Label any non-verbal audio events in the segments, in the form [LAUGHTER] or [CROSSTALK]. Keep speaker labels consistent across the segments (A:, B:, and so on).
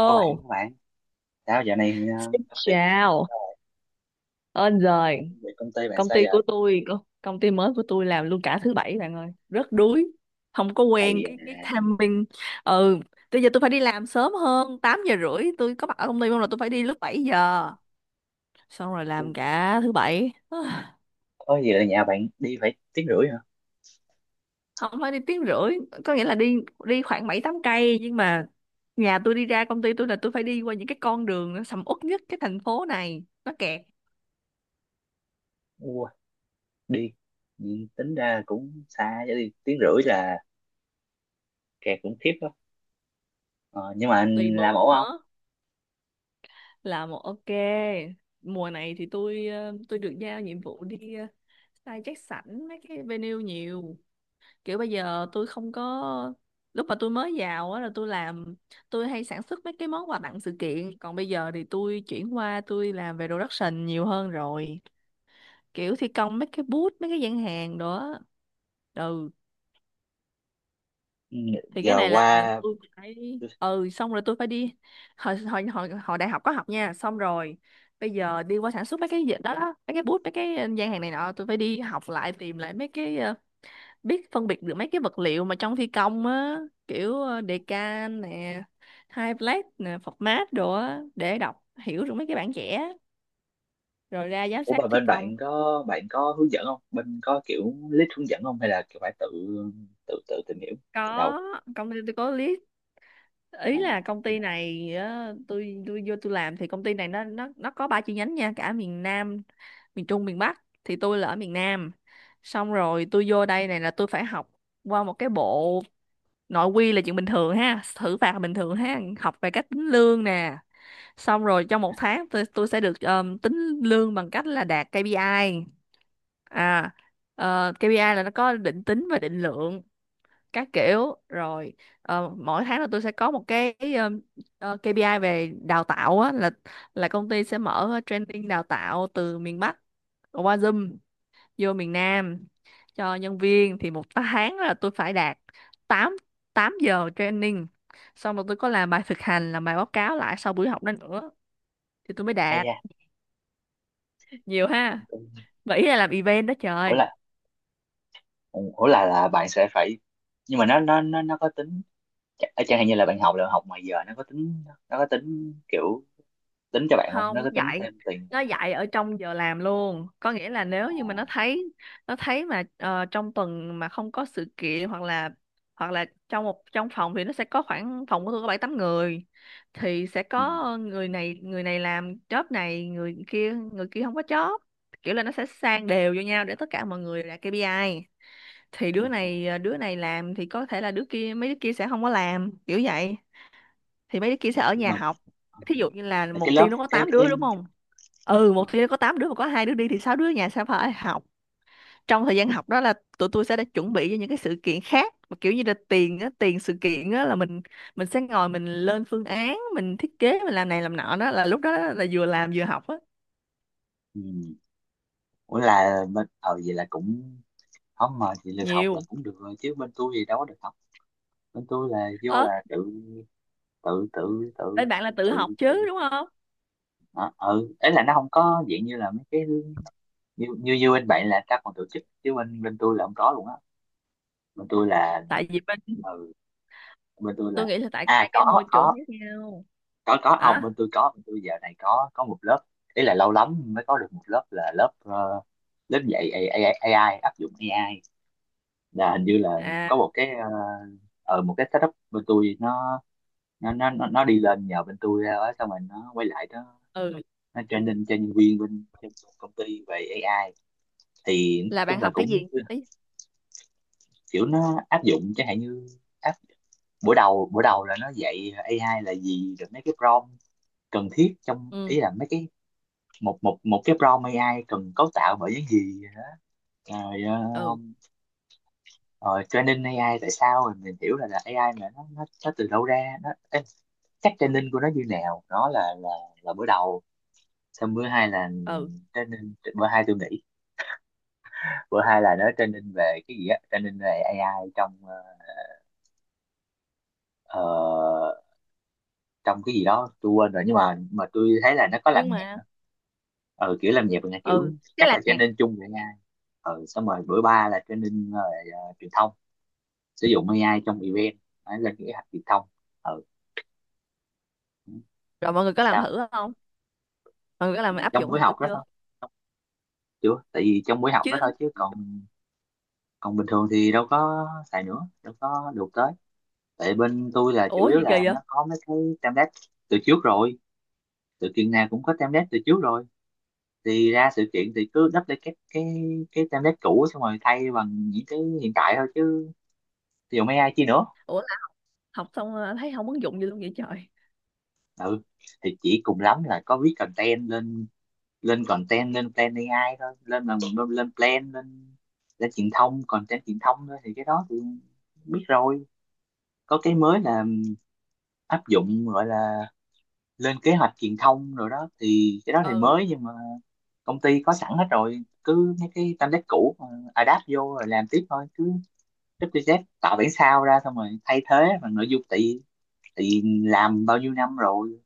A: đó bạn đó bạn sao giờ này,
B: xin
A: công việc
B: chào. Ơn rồi,
A: công việc công ty bạn
B: công
A: sao
B: ty
A: giờ
B: của tôi, công ty mới của tôi làm luôn cả thứ bảy bạn ơi, rất đuối, không có quen
A: thầy?
B: cái timing. Ừ, bây giờ tôi phải đi làm sớm hơn, 8 giờ rưỡi tôi có mặt ở công ty không là tôi phải đi lúc 7 giờ. Xong rồi
A: ờ,
B: làm cả thứ bảy. [SIGHS]
A: có gì là nhà bạn đi phải tiếng rưỡi hả?
B: Không phải đi tiếng rưỡi, có nghĩa là đi đi khoảng 7 8 cây, nhưng mà nhà tôi đi ra công ty tôi là tôi phải đi qua những cái con đường nó sầm uất nhất cái thành phố này, nó kẹt
A: Ua, đi. Ừ, tính ra cũng xa chứ, đi tiếng rưỡi là kẹt cũng khiếp đó. Ờ, nhưng mà
B: tùy
A: anh làm
B: bữa,
A: ổn không?
B: nữa là một ok. Mùa này thì tôi tôi được giao nhiệm vụ đi, sai check sảnh mấy cái venue nhiều, kiểu bây giờ tôi không có. Lúc mà tôi mới vào á là tôi làm, tôi hay sản xuất mấy cái món quà tặng sự kiện, còn bây giờ thì tôi chuyển qua tôi làm về production nhiều hơn rồi, kiểu thi công mấy cái booth mấy cái gian hàng đó. Ừ,
A: Ừ,
B: thì cái
A: giờ
B: này là
A: qua.
B: tôi phải, ừ xong rồi tôi phải đi. Hồi đại học có học nha, xong rồi bây giờ đi qua sản xuất mấy cái gì đó, đó mấy cái bút mấy cái gian hàng này nọ, tôi phải đi học lại, tìm lại mấy cái, biết phân biệt được mấy cái vật liệu mà trong thi công á, kiểu đề can nè, hai plate nè, format đồ á, để đọc hiểu được mấy cái bản vẽ, rồi ra giám
A: Ủa
B: sát
A: mà
B: thi
A: bên
B: công.
A: bạn có, bạn có hướng dẫn không, bên có kiểu list hướng dẫn không hay là kiểu phải tự tự tự tìm hiểu từ đầu?
B: Có, công ty tôi có list.
A: ờ,
B: Ý là công ty này á, tôi vô tôi làm, thì công ty này nó có ba chi nhánh nha, cả miền Nam, miền Trung, miền Bắc, thì tôi là ở miền Nam. Xong rồi tôi vô đây này là tôi phải học qua một cái bộ nội quy, là chuyện bình thường ha, thử phạt là bình thường ha, học về cách tính lương nè. Xong rồi trong một tháng tôi sẽ được, tính lương bằng cách là đạt KPI. À, KPI là nó có định tính và định lượng các kiểu rồi. Mỗi tháng là tôi sẽ có một cái, KPI về đào tạo á, là công ty sẽ mở training đào tạo từ miền Bắc, qua Zoom vô miền Nam cho nhân viên. Thì một tháng là tôi phải đạt 8 8 giờ training, xong rồi tôi có làm bài thực hành, làm bài báo cáo lại sau buổi học đó nữa, thì tôi mới
A: Hay
B: đạt.
A: da.
B: Nhiều ha, vậy là làm event đó
A: ủa là
B: trời.
A: ủa là là bạn sẽ phải, nhưng mà nó có tính, chẳng hạn như là bạn học là học ngoài giờ, nó có tính, nó có tính kiểu tính cho bạn không,
B: Không,
A: nó
B: nó
A: có tính
B: dạy,
A: thêm tiền bạn
B: nó
A: không?
B: dạy ở trong giờ làm luôn, có nghĩa là nếu như mà nó
A: À,
B: thấy nó thấy mà trong tuần mà không có sự kiện, hoặc là trong một, trong phòng thì nó sẽ có khoảng, phòng của tôi có bảy tám người, thì sẽ
A: ừ.
B: có người này làm job này, người kia không có job, kiểu là nó sẽ sang đều vô nhau để tất cả mọi người đạt KPI. Thì
A: Ờ.
B: đứa này làm thì có thể là đứa kia, mấy đứa kia sẽ không có làm, kiểu vậy, thì mấy đứa kia sẽ ở
A: Nhưng
B: nhà
A: mà
B: học.
A: ờ,
B: Thí dụ như là
A: là cái
B: một
A: lớp,
B: team nó có 8
A: cái
B: đứa đúng không, ừ,
A: ờ,
B: một team nó có 8 đứa mà có hai đứa đi thì sáu đứa ở nhà sẽ phải học. Trong thời gian học đó là tụi tôi sẽ đã chuẩn bị cho những cái sự kiện khác, mà kiểu như là tiền á, tiền sự kiện á, là mình sẽ ngồi mình lên phương án, mình thiết kế, mình làm này làm nọ, đó là lúc đó là vừa làm vừa học á.
A: ừ. Ủa là bên, ờ vậy là cũng không, mà chị được học là
B: Nhiều.
A: cũng được rồi chứ bên tôi thì đâu có được học. Bên tôi là vô
B: Ớ,
A: là tự tự
B: bên bạn là tự học
A: tự, tự.
B: chứ đúng không,
A: Đó. Ừ, ấy là nó không có dạng như là mấy cái như như bên bạn là các còn tổ chức, chứ bên bên tôi là không có luôn á. Bên tôi là
B: tại vì bên,
A: ừ, bên tôi là
B: tôi nghĩ là tại
A: à,
B: hai cái
A: có
B: môi trường
A: có
B: khác nhau.
A: có, không bên
B: Hả?
A: tôi có, bên tôi giờ này có một lớp, ý là lâu lắm mới có được một lớp là lớp lớp dạy AI, AI áp dụng AI là hình như là
B: À,
A: có một cái một cái setup bên tôi nó nó đi lên nhờ bên tôi ra đó, xong rồi nó quay lại nó
B: ừ,
A: nó training cho nhân viên bên công ty về AI. Thì nói
B: là
A: chung
B: bạn
A: là
B: học
A: cũng
B: cái gì? Ý,
A: kiểu nó áp dụng chẳng hạn như áp, buổi đầu là nó dạy AI là gì, rồi mấy cái prompt cần thiết trong,
B: ừ
A: ý là mấy cái một một một cái prompt AI cần cấu tạo bởi những gì, rồi
B: ừ
A: rồi training AI tại sao, rồi mình hiểu là AI mà nó nó từ đâu ra nó cách training của nó như nào, nó là bữa đầu. Xong bữa hai là
B: ừ,
A: training bữa hai, tôi nghĩ bữa hai là nó training về cái gì á, training về AI trong ờ, trong cái gì đó tôi quên rồi nhưng mà tôi thấy là nó có làm
B: nhưng
A: nhạc
B: mà
A: nữa. Ờ kiểu làm nhạc là kiểu
B: ừ thế
A: chắc
B: là
A: là
B: nè,
A: training chung với AI. Ờ xong rồi bữa ba là training rồi truyền thông sử dụng AI trong event, phải lên cái học truyền thông. Ờ
B: rồi mọi người có làm
A: sao?
B: thử không, mọi người có làm áp
A: Trong
B: dụng
A: buổi
B: thử
A: học đó
B: chưa?
A: thôi. Chưa, tại vì trong buổi học
B: Chứ
A: đó thôi chứ còn, còn bình thường thì đâu có xài nữa, đâu có được tới. Tại bên tôi là chủ
B: ủa
A: yếu
B: gì kỳ
A: là
B: vậy,
A: nó có mấy cái template từ trước rồi, từ Kiên Nam cũng có template từ trước rồi, thì ra sự kiện thì cứ đắp lại cái cái template cũ xong rồi thay bằng những cái hiện tại thôi, chứ dùng AI chi nữa.
B: ủa là học xong thấy không ứng dụng gì luôn vậy trời?
A: Ừ thì chỉ cùng lắm là có viết content lên, lên content, lên plan AI thôi, lên là lên, lên plan lên, lên truyền thông, content truyền thông thôi thì cái đó thì biết rồi. Có cái mới là áp dụng gọi là lên kế hoạch truyền thông rồi đó, thì cái đó thì
B: Ừ,
A: mới. Nhưng mà công ty có sẵn hết rồi, cứ mấy cái template cũ mà adapt vô rồi làm tiếp thôi, cứ WZ tạo bản sao ra xong rồi thay thế bằng nội dung, tại tại làm bao nhiêu năm rồi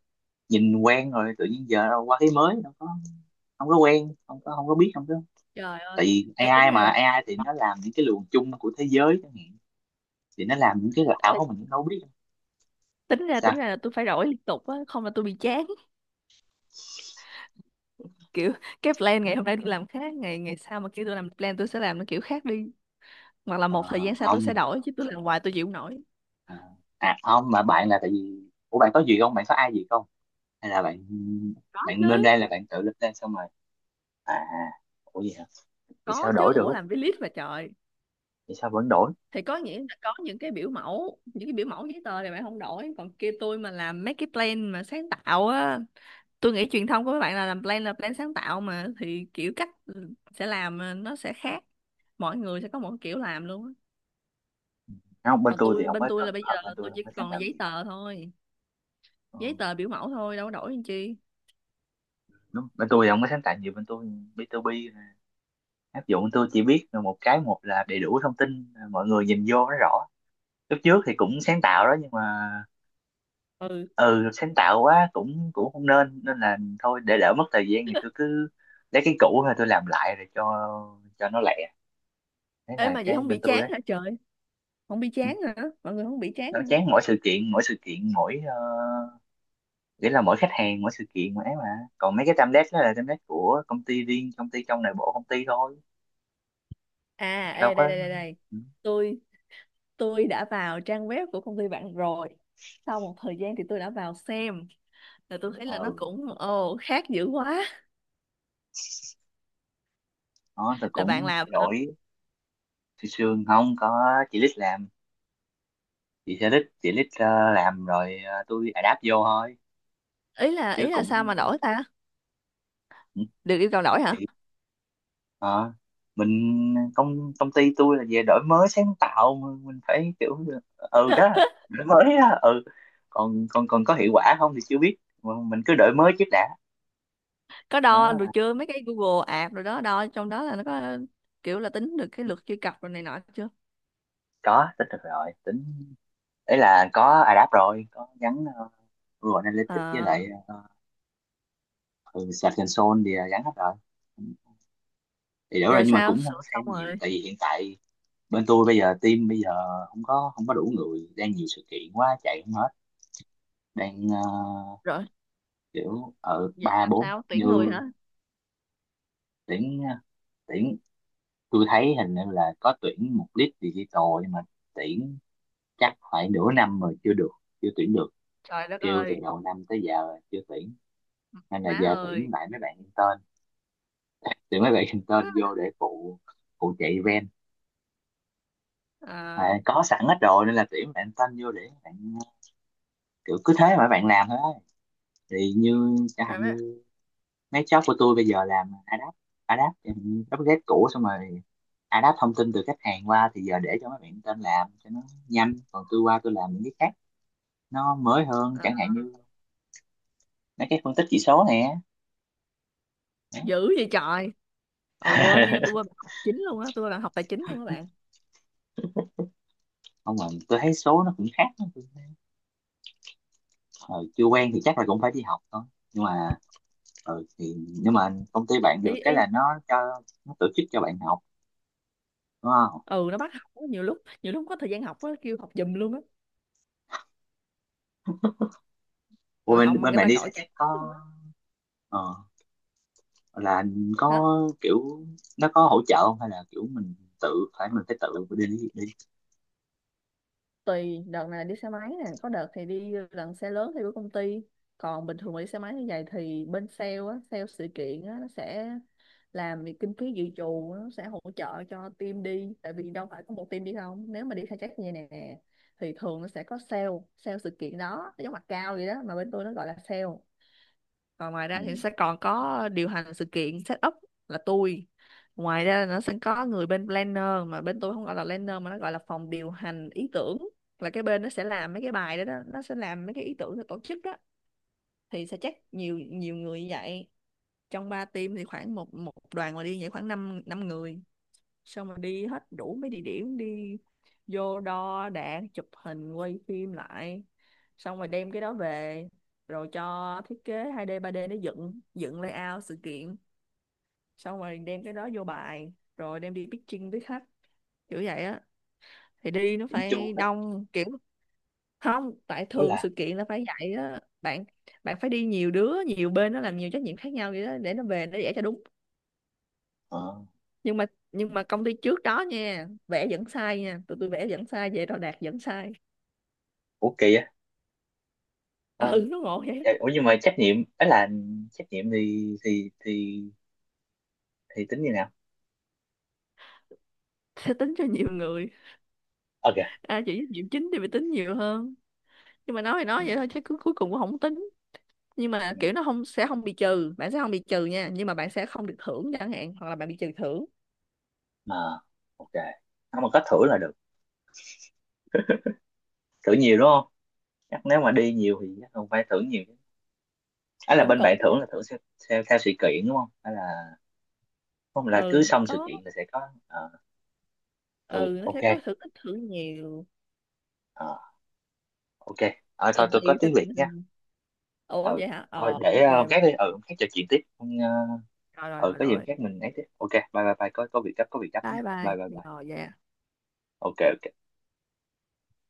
A: nhìn quen rồi, tự nhiên giờ đâu qua cái mới đâu có, không có quen, không có, không có biết, không có.
B: trời ơi.
A: Tại vì
B: Ê, tính
A: AI
B: ra
A: mà
B: là,
A: AI thì nó làm những cái luồng chung của thế giới chẳng hạn, thì nó làm những cái ảo
B: ê,
A: mình cũng đâu biết
B: tính ra
A: sao.
B: là tôi phải đổi liên tục á, không là tôi bị chán [LAUGHS] kiểu, cái plan ngày hôm nay tôi làm khác ngày ngày sau, mà kêu tôi làm plan tôi sẽ làm nó kiểu khác đi, hoặc là
A: Ờ,
B: một thời gian sau tôi
A: không.
B: sẽ đổi, chứ tôi làm hoài tôi chịu không nổi.
A: Ờ, à không mà bạn là tại vì, ủa bạn có gì không, bạn có ai gì không, hay là bạn,
B: Có chứ,
A: bạn lên đây là bạn tự lên đây xong rồi à, ủa gì hả? Thì
B: có
A: sao
B: chứ,
A: đổi được?
B: ủa làm với list mà trời.
A: Thì sao vẫn đổi?
B: Thì có nghĩa là có những cái biểu mẫu, giấy tờ thì bạn không đổi, còn kia tôi mà làm mấy cái plan mà sáng tạo á, tôi nghĩ truyền thông của các bạn là làm plan, là plan sáng tạo mà, thì kiểu cách sẽ làm, nó sẽ khác, mỗi người sẽ có một kiểu làm luôn á.
A: Không bên
B: Còn
A: tôi thì
B: tôi,
A: không
B: bên
A: có
B: tôi
A: cần
B: là bây giờ
A: hợp, bên tôi
B: tôi
A: không
B: chỉ
A: có sáng
B: còn là
A: tạo
B: giấy
A: nhiều.
B: tờ thôi,
A: Ờ,
B: giấy tờ biểu mẫu thôi, đâu có đổi làm chi.
A: đúng, bên tôi thì không có sáng tạo nhiều, bên tôi B2B áp dụng, tôi chỉ biết một cái, một là đầy đủ thông tin mọi người nhìn vô nó rõ. Lúc trước thì cũng sáng tạo đó nhưng mà
B: Ừ,
A: ừ sáng tạo quá cũng cũng không nên, nên là thôi để đỡ mất thời gian thì tôi cứ lấy cái cũ thôi, tôi làm lại rồi cho nó lẹ. Đấy
B: ê
A: là
B: mà vậy
A: cái
B: không bị
A: bên tôi
B: chán
A: đấy.
B: hả trời, không bị
A: Ừ,
B: chán hả, mọi người không bị chán
A: nó
B: hả?
A: chán mỗi sự kiện, mỗi sự kiện, mỗi nghĩa là mỗi khách hàng, mỗi sự kiện mà ấy mà, còn mấy cái template đó là template của công ty riêng, công ty trong nội bộ công ty thôi,
B: À,
A: đâu
B: ê
A: có
B: đây đây đây đây,
A: ừ.
B: tôi tôi đã vào trang web của công ty bạn rồi, sau một thời gian thì tôi đã vào xem, là tôi thấy là nó
A: Ừ.
B: cũng ồ khác dữ quá.
A: Đó tôi
B: Là bạn
A: cũng
B: làm
A: thay
B: hả?
A: đổi, xương xương không có, chị lít làm, chị sẽ lít, chị lít làm rồi, tôi adapt vô thôi
B: ý là
A: chứ
B: ý là sao
A: cũng
B: mà đổi ta,
A: ừ,
B: được yêu cầu đổi hả?
A: thì ờ, mình, công công ty tôi là về đổi mới sáng tạo mà, mình phải kiểu ừ đó, đổi mới đó ừ, còn còn còn có hiệu quả không thì chưa biết, mà mình cứ đổi mới trước đã.
B: Có đo được
A: Đó
B: chưa mấy cái Google Ads rồi đó, đo trong đó là nó có kiểu là tính được cái lượt truy cập rồi này nọ chưa?
A: có tích được rồi tính, ấy là có adapt rồi, có gắn Google Analytics với
B: À,
A: lại ừ, Search Console thì là gắn hết rồi thì đủ rồi,
B: rồi
A: nhưng mà
B: sao
A: cũng không có
B: sửa xong
A: xem nhiều
B: rồi,
A: tại vì hiện tại bên tôi bây giờ team bây giờ không có, không có đủ người, đang nhiều sự kiện quá chạy không hết, đang
B: rồi
A: kiểu ở
B: vậy
A: ba
B: làm
A: bốn
B: sao
A: như,
B: tuyển người hả?
A: tuyển tuyển, tôi thấy hình như là có tuyển một lead digital nhưng mà tuyển chắc phải nửa năm rồi chưa được, chưa tuyển được,
B: Trời đất
A: kêu từ
B: ơi,
A: đầu năm tới giờ chưa tuyển, nên là
B: má
A: giờ tuyển
B: ơi.
A: lại mấy bạn intern, tuyển mấy bạn intern vô để phụ, phụ chạy event,
B: À,
A: à, có sẵn hết rồi nên là tuyển bạn intern vô để bạn kiểu cứ thế mà bạn làm thôi, thì như chẳng
B: rồi
A: hạn như mấy job của tôi bây giờ làm adapt, adapt em update cũ xong rồi adapt thông tin từ khách hàng qua thì giờ để cho mấy bạn tên làm cho nó nhanh, còn tôi qua tôi làm những cái khác nó mới hơn,
B: à,
A: chẳng hạn như mấy cái phân tích chỉ số nè.
B: dữ vậy trời. Quên nha, tôi quên bạn học chính luôn á, tôi là học tài chính luôn các bạn.
A: Không mà tôi thấy số nó cũng khác, hồi chưa quen thì chắc là cũng phải đi học thôi nhưng mà ừ, thì nhưng mà công ty bạn
B: Ý
A: được cái là
B: ý.
A: nó cho, nó tổ chức cho bạn học đúng không?
B: Ừ nó bắt học á, nhiều lúc, nhiều lúc không có thời gian học á, kêu học giùm luôn á,
A: Ủa,
B: ngồi học
A: bên
B: mà
A: bên
B: người
A: bạn
B: ta
A: đi sẽ
B: gọi chán
A: chắc
B: lắm luôn
A: có
B: á.
A: ờ, là
B: Hả?
A: có kiểu nó có hỗ trợ không hay là kiểu mình tự, phải mình phải tự đi đi
B: Tùy, đợt này đi xe máy nè, có đợt thì đi lần xe lớn theo của công ty. Còn bình thường mà đi xe máy như vậy thì bên sale á, sale sự kiện á nó sẽ làm việc kinh phí dự trù, nó sẽ hỗ trợ cho team đi, tại vì đâu phải có một team đi không, nếu mà đi khai thác như này nè, thì thường nó sẽ có sale, sale sự kiện đó, nó giống mặt cao vậy đó, mà bên tôi nó gọi là sale. Còn ngoài
A: ừ,
B: ra thì sẽ còn có điều hành sự kiện, set up, là tôi. Ngoài ra nó sẽ có người bên planner, mà bên tôi không gọi là planner, mà nó gọi là phòng điều hành ý tưởng, là cái bên nó sẽ làm mấy cái bài đó. Nó sẽ làm mấy cái ý tưởng để tổ chức đó, thì sẽ chắc nhiều nhiều người như vậy. Trong ba team thì khoảng một một đoàn mà đi vậy khoảng 5 năm năm người, xong rồi đi hết đủ mấy địa điểm, đi vô đo đạc, chụp hình, quay phim lại, xong rồi đem cái đó về, rồi cho thiết kế 2D 3D để dựng dựng layout sự kiện, xong rồi đem cái đó vô bài rồi đem đi pitching với khách, kiểu vậy á, thì đi nó
A: chỉnh chu
B: phải
A: á.
B: đông kiểu. Không, tại
A: Ủa
B: thường
A: là
B: sự kiện là phải vậy á bạn, bạn phải đi nhiều đứa, nhiều bên nó làm nhiều trách nhiệm khác nhau vậy đó, để nó về nó vẽ cho đúng.
A: ờ,
B: Nhưng mà, công ty trước đó nha vẽ vẫn sai nha, tụi tôi vẽ vẫn sai, về đo đạc vẫn sai.
A: ủa kỳ á
B: [LAUGHS]
A: ờ.
B: Ừ nó ngộ vậy.
A: Dạ, ủa nhưng mà trách nhiệm ấy là trách nhiệm thì thì tính như nào?
B: Sẽ tính cho nhiều người,
A: Ok.
B: à chỉ nhiệm chính thì phải tính nhiều hơn, nhưng mà nói thì
A: Ừ,
B: nói vậy thôi, chứ cuối cuối cùng cũng không tính, nhưng mà
A: ừ,
B: kiểu nó không, sẽ không bị trừ, bạn sẽ không bị trừ nha, nhưng mà bạn sẽ không được thưởng chẳng hạn, hoặc là bạn bị trừ thưởng.
A: mà ok, không mà có thưởng là được, thưởng nhiều đúng không? Chắc nếu mà đi nhiều thì chắc không phải thưởng nhiều. Ấy
B: Thì
A: là
B: cũng
A: bên bạn
B: cũng đó.
A: thưởng là thưởng theo, theo, theo sự kiện đúng không hay là không là cứ
B: Ừ
A: xong sự
B: có,
A: kiện là sẽ có ờ, ừ
B: ừ nó
A: ok
B: sẽ có thưởng ít thưởng nhiều,
A: ờ, ok. Ờ, thôi
B: còn
A: tôi có
B: tùy theo
A: tiếng
B: tình
A: Việt nha.
B: hình. Ủa
A: Ừ
B: vậy hả,
A: thôi để
B: ok,
A: hôm
B: bye
A: khác đi, ừ
B: bye.
A: hôm khác trò chuyện tiếp. Hôm,
B: Rồi rồi
A: ừ
B: rồi
A: có gì hôm
B: rồi,
A: khác mình ấy tiếp, ok bye bye bye, có việc gấp, có việc gấp nha,
B: bye
A: bye
B: bye,
A: bye bye.
B: rồi vậy.
A: Ok ok.